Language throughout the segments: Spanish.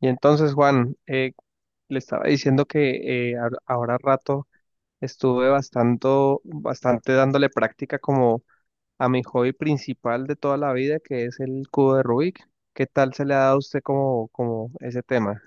Y entonces, Juan, le estaba diciendo que ahora rato estuve bastante, bastante dándole práctica como a mi hobby principal de toda la vida, que es el cubo de Rubik. ¿Qué tal se le ha dado a usted como, como ese tema?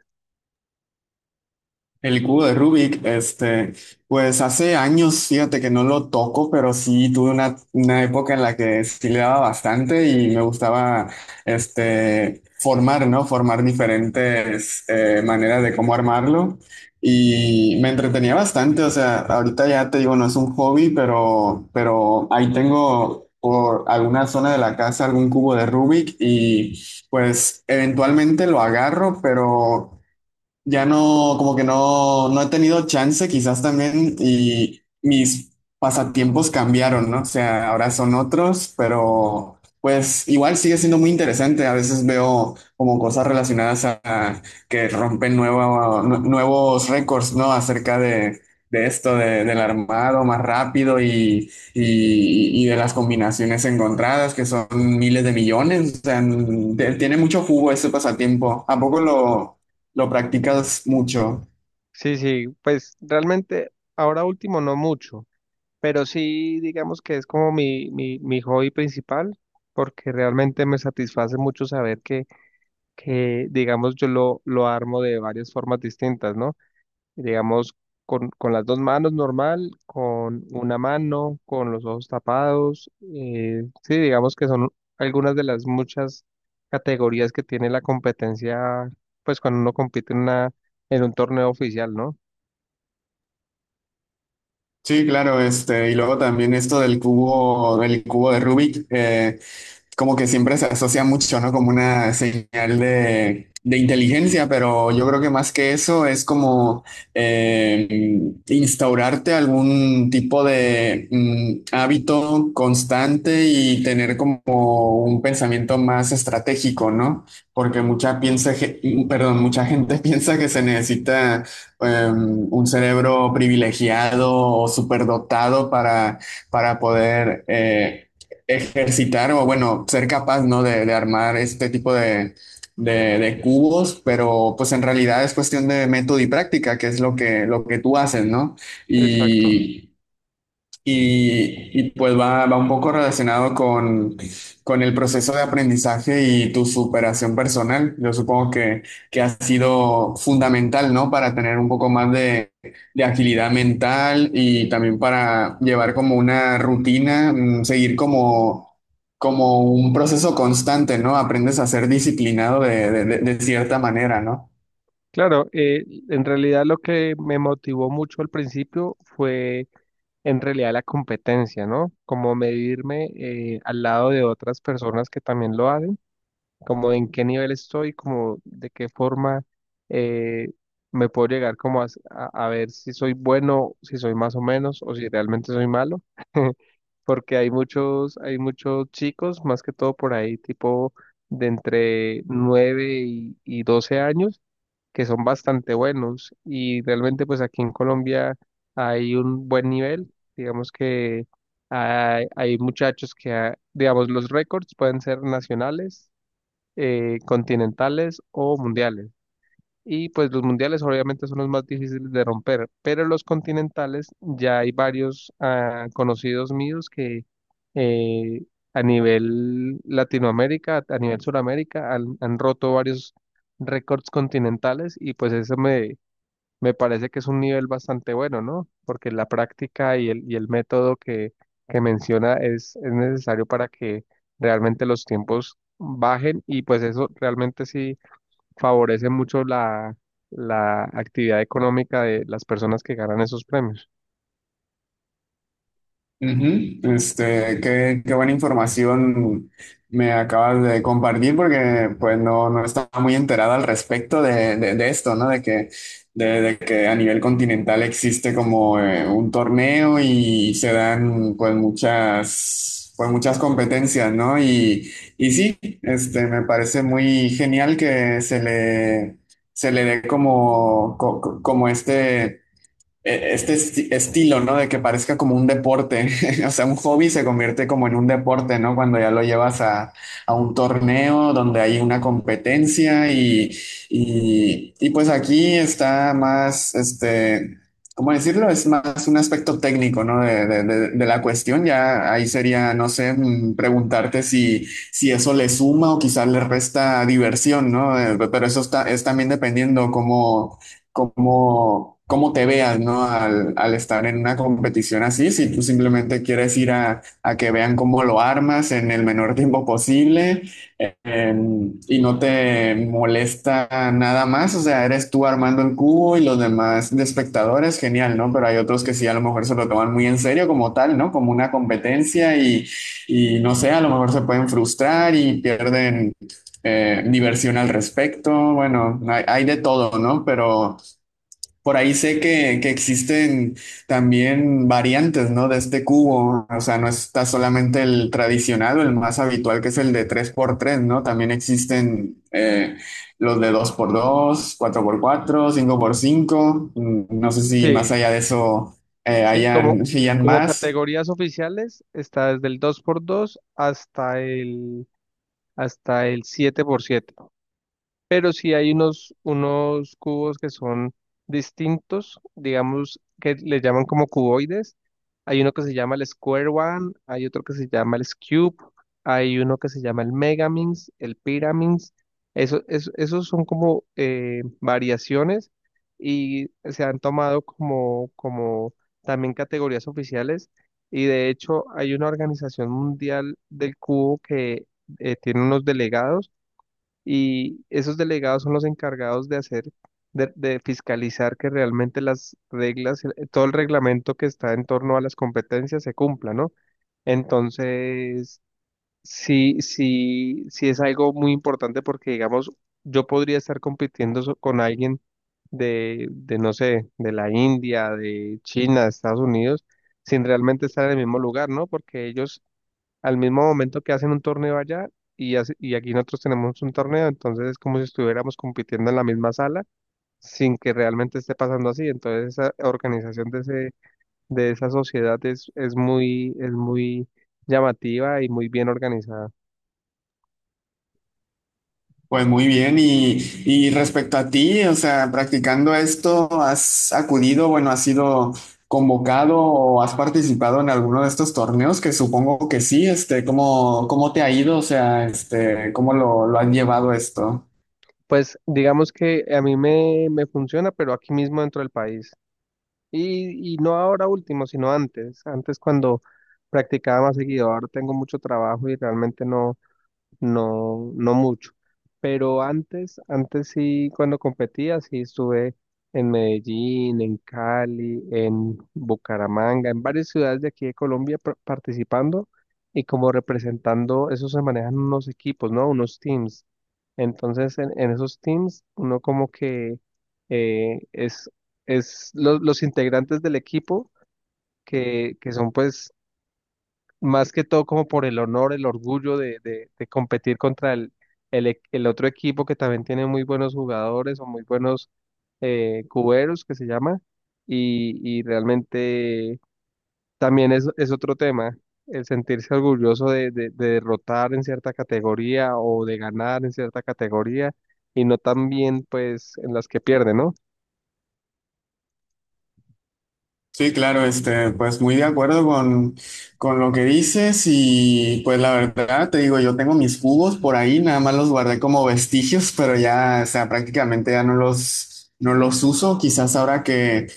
El cubo de Rubik, este, pues hace años, fíjate que no lo toco, pero sí tuve una época en la que sí le daba bastante y me gustaba, este, formar, ¿no? Formar diferentes maneras de cómo armarlo y me entretenía bastante. O sea, ahorita ya te digo, no es un hobby, pero, ahí tengo por alguna zona de la casa algún cubo de Rubik y pues eventualmente lo agarro, pero ya no, como que no, no he tenido chance, quizás también, y mis pasatiempos cambiaron, ¿no? O sea, ahora son otros, pero pues igual sigue siendo muy interesante. A veces veo como cosas relacionadas a que rompen nuevos récords, ¿no? Acerca de esto, del armado más rápido y, y de las combinaciones encontradas, que son miles de millones. O sea, tiene mucho jugo ese pasatiempo. ¿A poco lo practicas mucho? Sí, sí, pues realmente ahora último no mucho, pero sí digamos que es como mi hobby principal, porque realmente me satisface mucho saber que digamos, yo lo armo de varias formas distintas, ¿no? Digamos, con las dos manos normal, con una mano, con los ojos tapados. Sí, digamos que son algunas de las muchas categorías que tiene la competencia, pues cuando uno compite en en un torneo oficial, ¿no? Sí, claro, este, y luego también esto del cubo de Rubik, como que siempre se asocia mucho, ¿no? Como una señal de inteligencia, pero yo creo que más que eso es como eh, instaurarte algún tipo de hábito constante y tener como un pensamiento más estratégico, ¿no? Porque mucha gente piensa que se necesita un cerebro privilegiado o superdotado para poder ejercitar o, bueno, ser capaz, ¿no? De armar este tipo de, de cubos, pero pues en realidad es cuestión de método y práctica, que es lo que tú haces, ¿no? Exacto. Y, pues va, va un poco relacionado con el proceso de aprendizaje y tu superación personal. Yo supongo que ha sido fundamental, ¿no? Para tener un poco más de agilidad mental, y también para llevar como una rutina, seguir como, como un proceso constante, ¿no? Aprendes a ser disciplinado de, de cierta manera, ¿no? Claro, en realidad lo que me motivó mucho al principio fue en realidad la competencia, ¿no? Como medirme, al lado de otras personas que también lo hacen, como en qué nivel estoy, como de qué forma eh, me puedo llegar como a, a ver si soy bueno, si soy más o menos, o si realmente soy malo, porque hay muchos chicos, más que todo por ahí, tipo de entre 9 y 12 años, que son bastante buenos, y realmente pues aquí en Colombia hay un buen nivel, digamos que... Hay muchachos que, ah, digamos, los récords pueden ser nacionales, continentales o mundiales. Y pues los mundiales obviamente son los más difíciles de romper, pero los continentales ya hay varios, ah, conocidos míos que eh, a nivel Latinoamérica, a nivel Suramérica, han, han roto varios récords continentales y pues eso me, me parece que es un nivel bastante bueno, ¿no? Porque la práctica y y el método que menciona es necesario para que realmente los tiempos bajen y pues eso realmente sí favorece mucho la, la actividad económica de las personas que ganan esos premios. Ujú. Este, qué, qué buena información me acabas de compartir, porque pues no, no estaba muy enterada al respecto de, de esto, ¿no? De que a nivel continental existe como un torneo y se dan pues muchas competencias, ¿no? Y sí, este, me parece muy genial que se le dé como, como este este estilo, ¿no? De que parezca como un deporte. O sea, un hobby se convierte como en un deporte, ¿no? Cuando ya lo llevas a un torneo donde hay una competencia y, y pues aquí está más, este, ¿cómo decirlo? Es más un aspecto técnico, ¿no? De, de la cuestión. Ya ahí sería, no sé, preguntarte si, si eso le suma o quizás le resta diversión, ¿no? Pero eso está, es también dependiendo cómo te veas, ¿no? Al, al estar en una competición así, si tú simplemente quieres ir a que vean cómo lo armas en el menor tiempo posible, y no te molesta nada más, o sea, eres tú armando el cubo y los demás de espectadores, genial, ¿no? Pero hay otros que sí a lo mejor se lo toman muy en serio como tal, ¿no? Como una competencia y no sé, a lo mejor se pueden frustrar y pierden diversión al respecto. Bueno, hay de todo, ¿no? Pero por ahí sé que existen también variantes, ¿no? De este cubo. O sea, no está solamente el tradicional o el más habitual, que es el de 3x3. No. También existen los de 2x2, 4x4, 5x5. Mm, no sé si más Sí, allá de eso sí, como, hayan como más. categorías oficiales está desde el 2x2 hasta hasta el 7x7. Pero sí hay unos, unos cubos que son distintos, digamos, que le llaman como cuboides. Hay uno que se llama el Square One, hay otro que se llama el Cube, hay uno que se llama el Megamins, el Pyraminx. Eso, esos son como variaciones y se han tomado como, como también categorías oficiales. Y de hecho hay una organización mundial del cubo que tiene unos delegados y esos delegados son los encargados de hacer, de fiscalizar que realmente las reglas, todo el reglamento que está en torno a las competencias se cumpla, ¿no? Entonces, sí, sí, sí es algo muy importante porque, digamos, yo podría estar compitiendo con alguien de no sé, de la India, de China, de Estados Unidos, sin realmente estar en el mismo lugar, ¿no? Porque ellos al mismo momento que hacen un torneo allá y, y aquí nosotros tenemos un torneo, entonces es como si estuviéramos compitiendo en la misma sala sin que realmente esté pasando así. Entonces esa organización de ese, de esa sociedad es muy llamativa y muy bien organizada. Pues muy bien, y respecto a ti, o sea, practicando esto, ¿has acudido, bueno, has sido convocado o has participado en alguno de estos torneos? Que supongo que sí, este, ¿cómo, cómo te ha ido? O sea, este, ¿cómo lo han llevado esto? Pues digamos que a mí me, me funciona, pero aquí mismo dentro del país. Y no ahora último, sino antes. Antes cuando practicaba más seguido, ahora tengo mucho trabajo y realmente no mucho. Pero antes, antes sí, cuando competía, sí estuve en Medellín, en Cali, en Bucaramanga, en varias ciudades de aquí de Colombia participando y como representando, eso se manejan unos equipos, ¿no? Unos teams. Entonces, en esos teams, uno como que eh, es, es los integrantes del equipo que son pues más que todo como por el honor, el orgullo de, de competir contra el otro equipo que también tiene muy buenos jugadores o muy buenos cuberos que se llama, y realmente también es otro tema, el sentirse orgulloso de, de derrotar en cierta categoría o de ganar en cierta categoría y no también pues en las que pierde, ¿no? Sí, claro, este, pues muy de acuerdo con lo que dices. Y pues la verdad te digo, yo tengo mis cubos por ahí, nada más los guardé como vestigios, pero ya, o sea, prácticamente ya no los, no los uso. Quizás ahora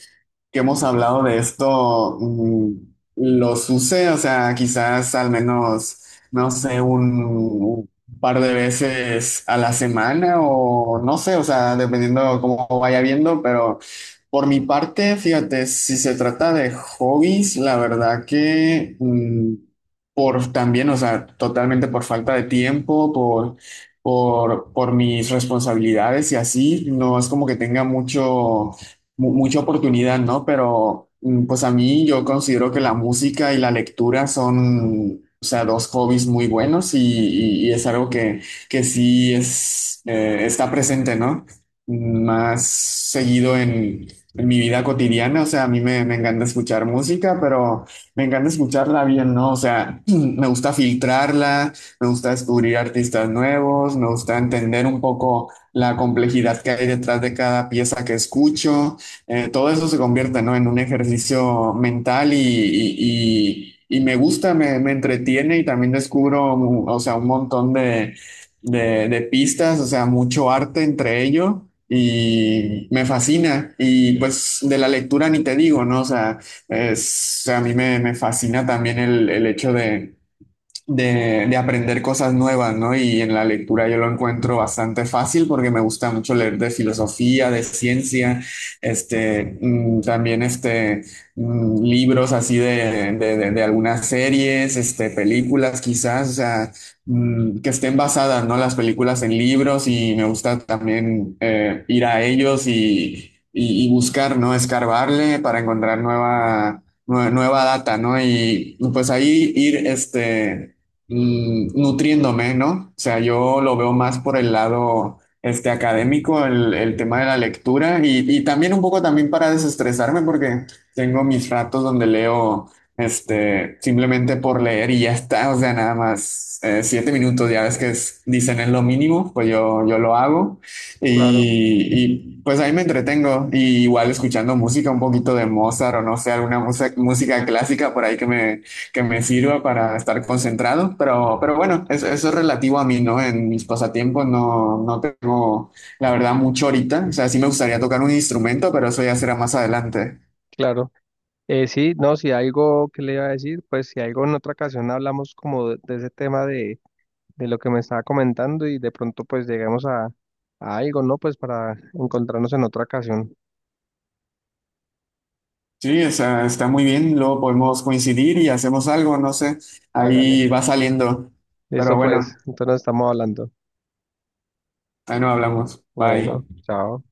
que hemos hablado de esto los use, o sea, quizás al menos, no sé, un par de veces a la semana o no sé, o sea, dependiendo cómo vaya viendo. Pero por mi parte, fíjate, si se trata de hobbies, la verdad que por también, o sea, totalmente por falta de tiempo, por por mis responsabilidades y así, no es como que tenga mucha oportunidad, ¿no? Pero pues a mí yo considero que la música y la lectura son, o sea, dos hobbies muy buenos, y, y es algo que sí es, está presente, ¿no? Más seguido en mi vida cotidiana. O sea, a mí me, me encanta escuchar música, pero me encanta escucharla bien, ¿no? O sea, me gusta filtrarla, me gusta descubrir artistas nuevos, me gusta entender un poco la complejidad que hay detrás de cada pieza que escucho. Todo eso se convierte, ¿no? En un ejercicio mental, y, y me gusta, me entretiene, y también descubro, o sea, un montón de, de pistas, o sea, mucho arte entre ello y me fascina. Y pues de la lectura ni te digo, ¿no? O sea, a mí me, me fascina también el hecho de aprender cosas nuevas, ¿no? Y en la lectura yo lo encuentro bastante fácil porque me gusta mucho leer de filosofía, de ciencia, este, también este, libros así de, de algunas series, este, películas quizás, o sea, que estén basadas, ¿no? Las películas en libros. Y me gusta también ir a ellos y, y buscar, ¿no? Escarbarle para encontrar nueva data, ¿no? Y pues ahí ir, este, nutriéndome, ¿no? O sea, yo lo veo más por el lado este, académico, el tema de la lectura. Y, y también un poco también para desestresarme, porque tengo mis ratos donde leo este, simplemente por leer y ya está. O sea, nada más 7 minutos, ya ves que dicen es lo mínimo, pues yo lo hago. Claro, y, pues ahí me entretengo, y igual escuchando música, un poquito de Mozart o no sé, alguna música clásica por ahí que me sirva para estar concentrado. Pero bueno, eso es relativo a mí, ¿no? En mis pasatiempos no, no tengo, la verdad, mucho ahorita. O sea, sí me gustaría tocar un instrumento, pero eso ya será más adelante. claro. Sí, no, si algo que le iba a decir, pues si algo en otra ocasión hablamos como de ese tema de lo que me estaba comentando y de pronto pues lleguemos a algo, ¿no? Pues para encontrarnos en otra ocasión. Sí, o sea, está muy bien, luego podemos coincidir y hacemos algo, no sé, Hágale. ahí va saliendo. Pero Listo, pues, bueno, entonces nos estamos hablando. ahí nos hablamos. Bueno, Bye. chao.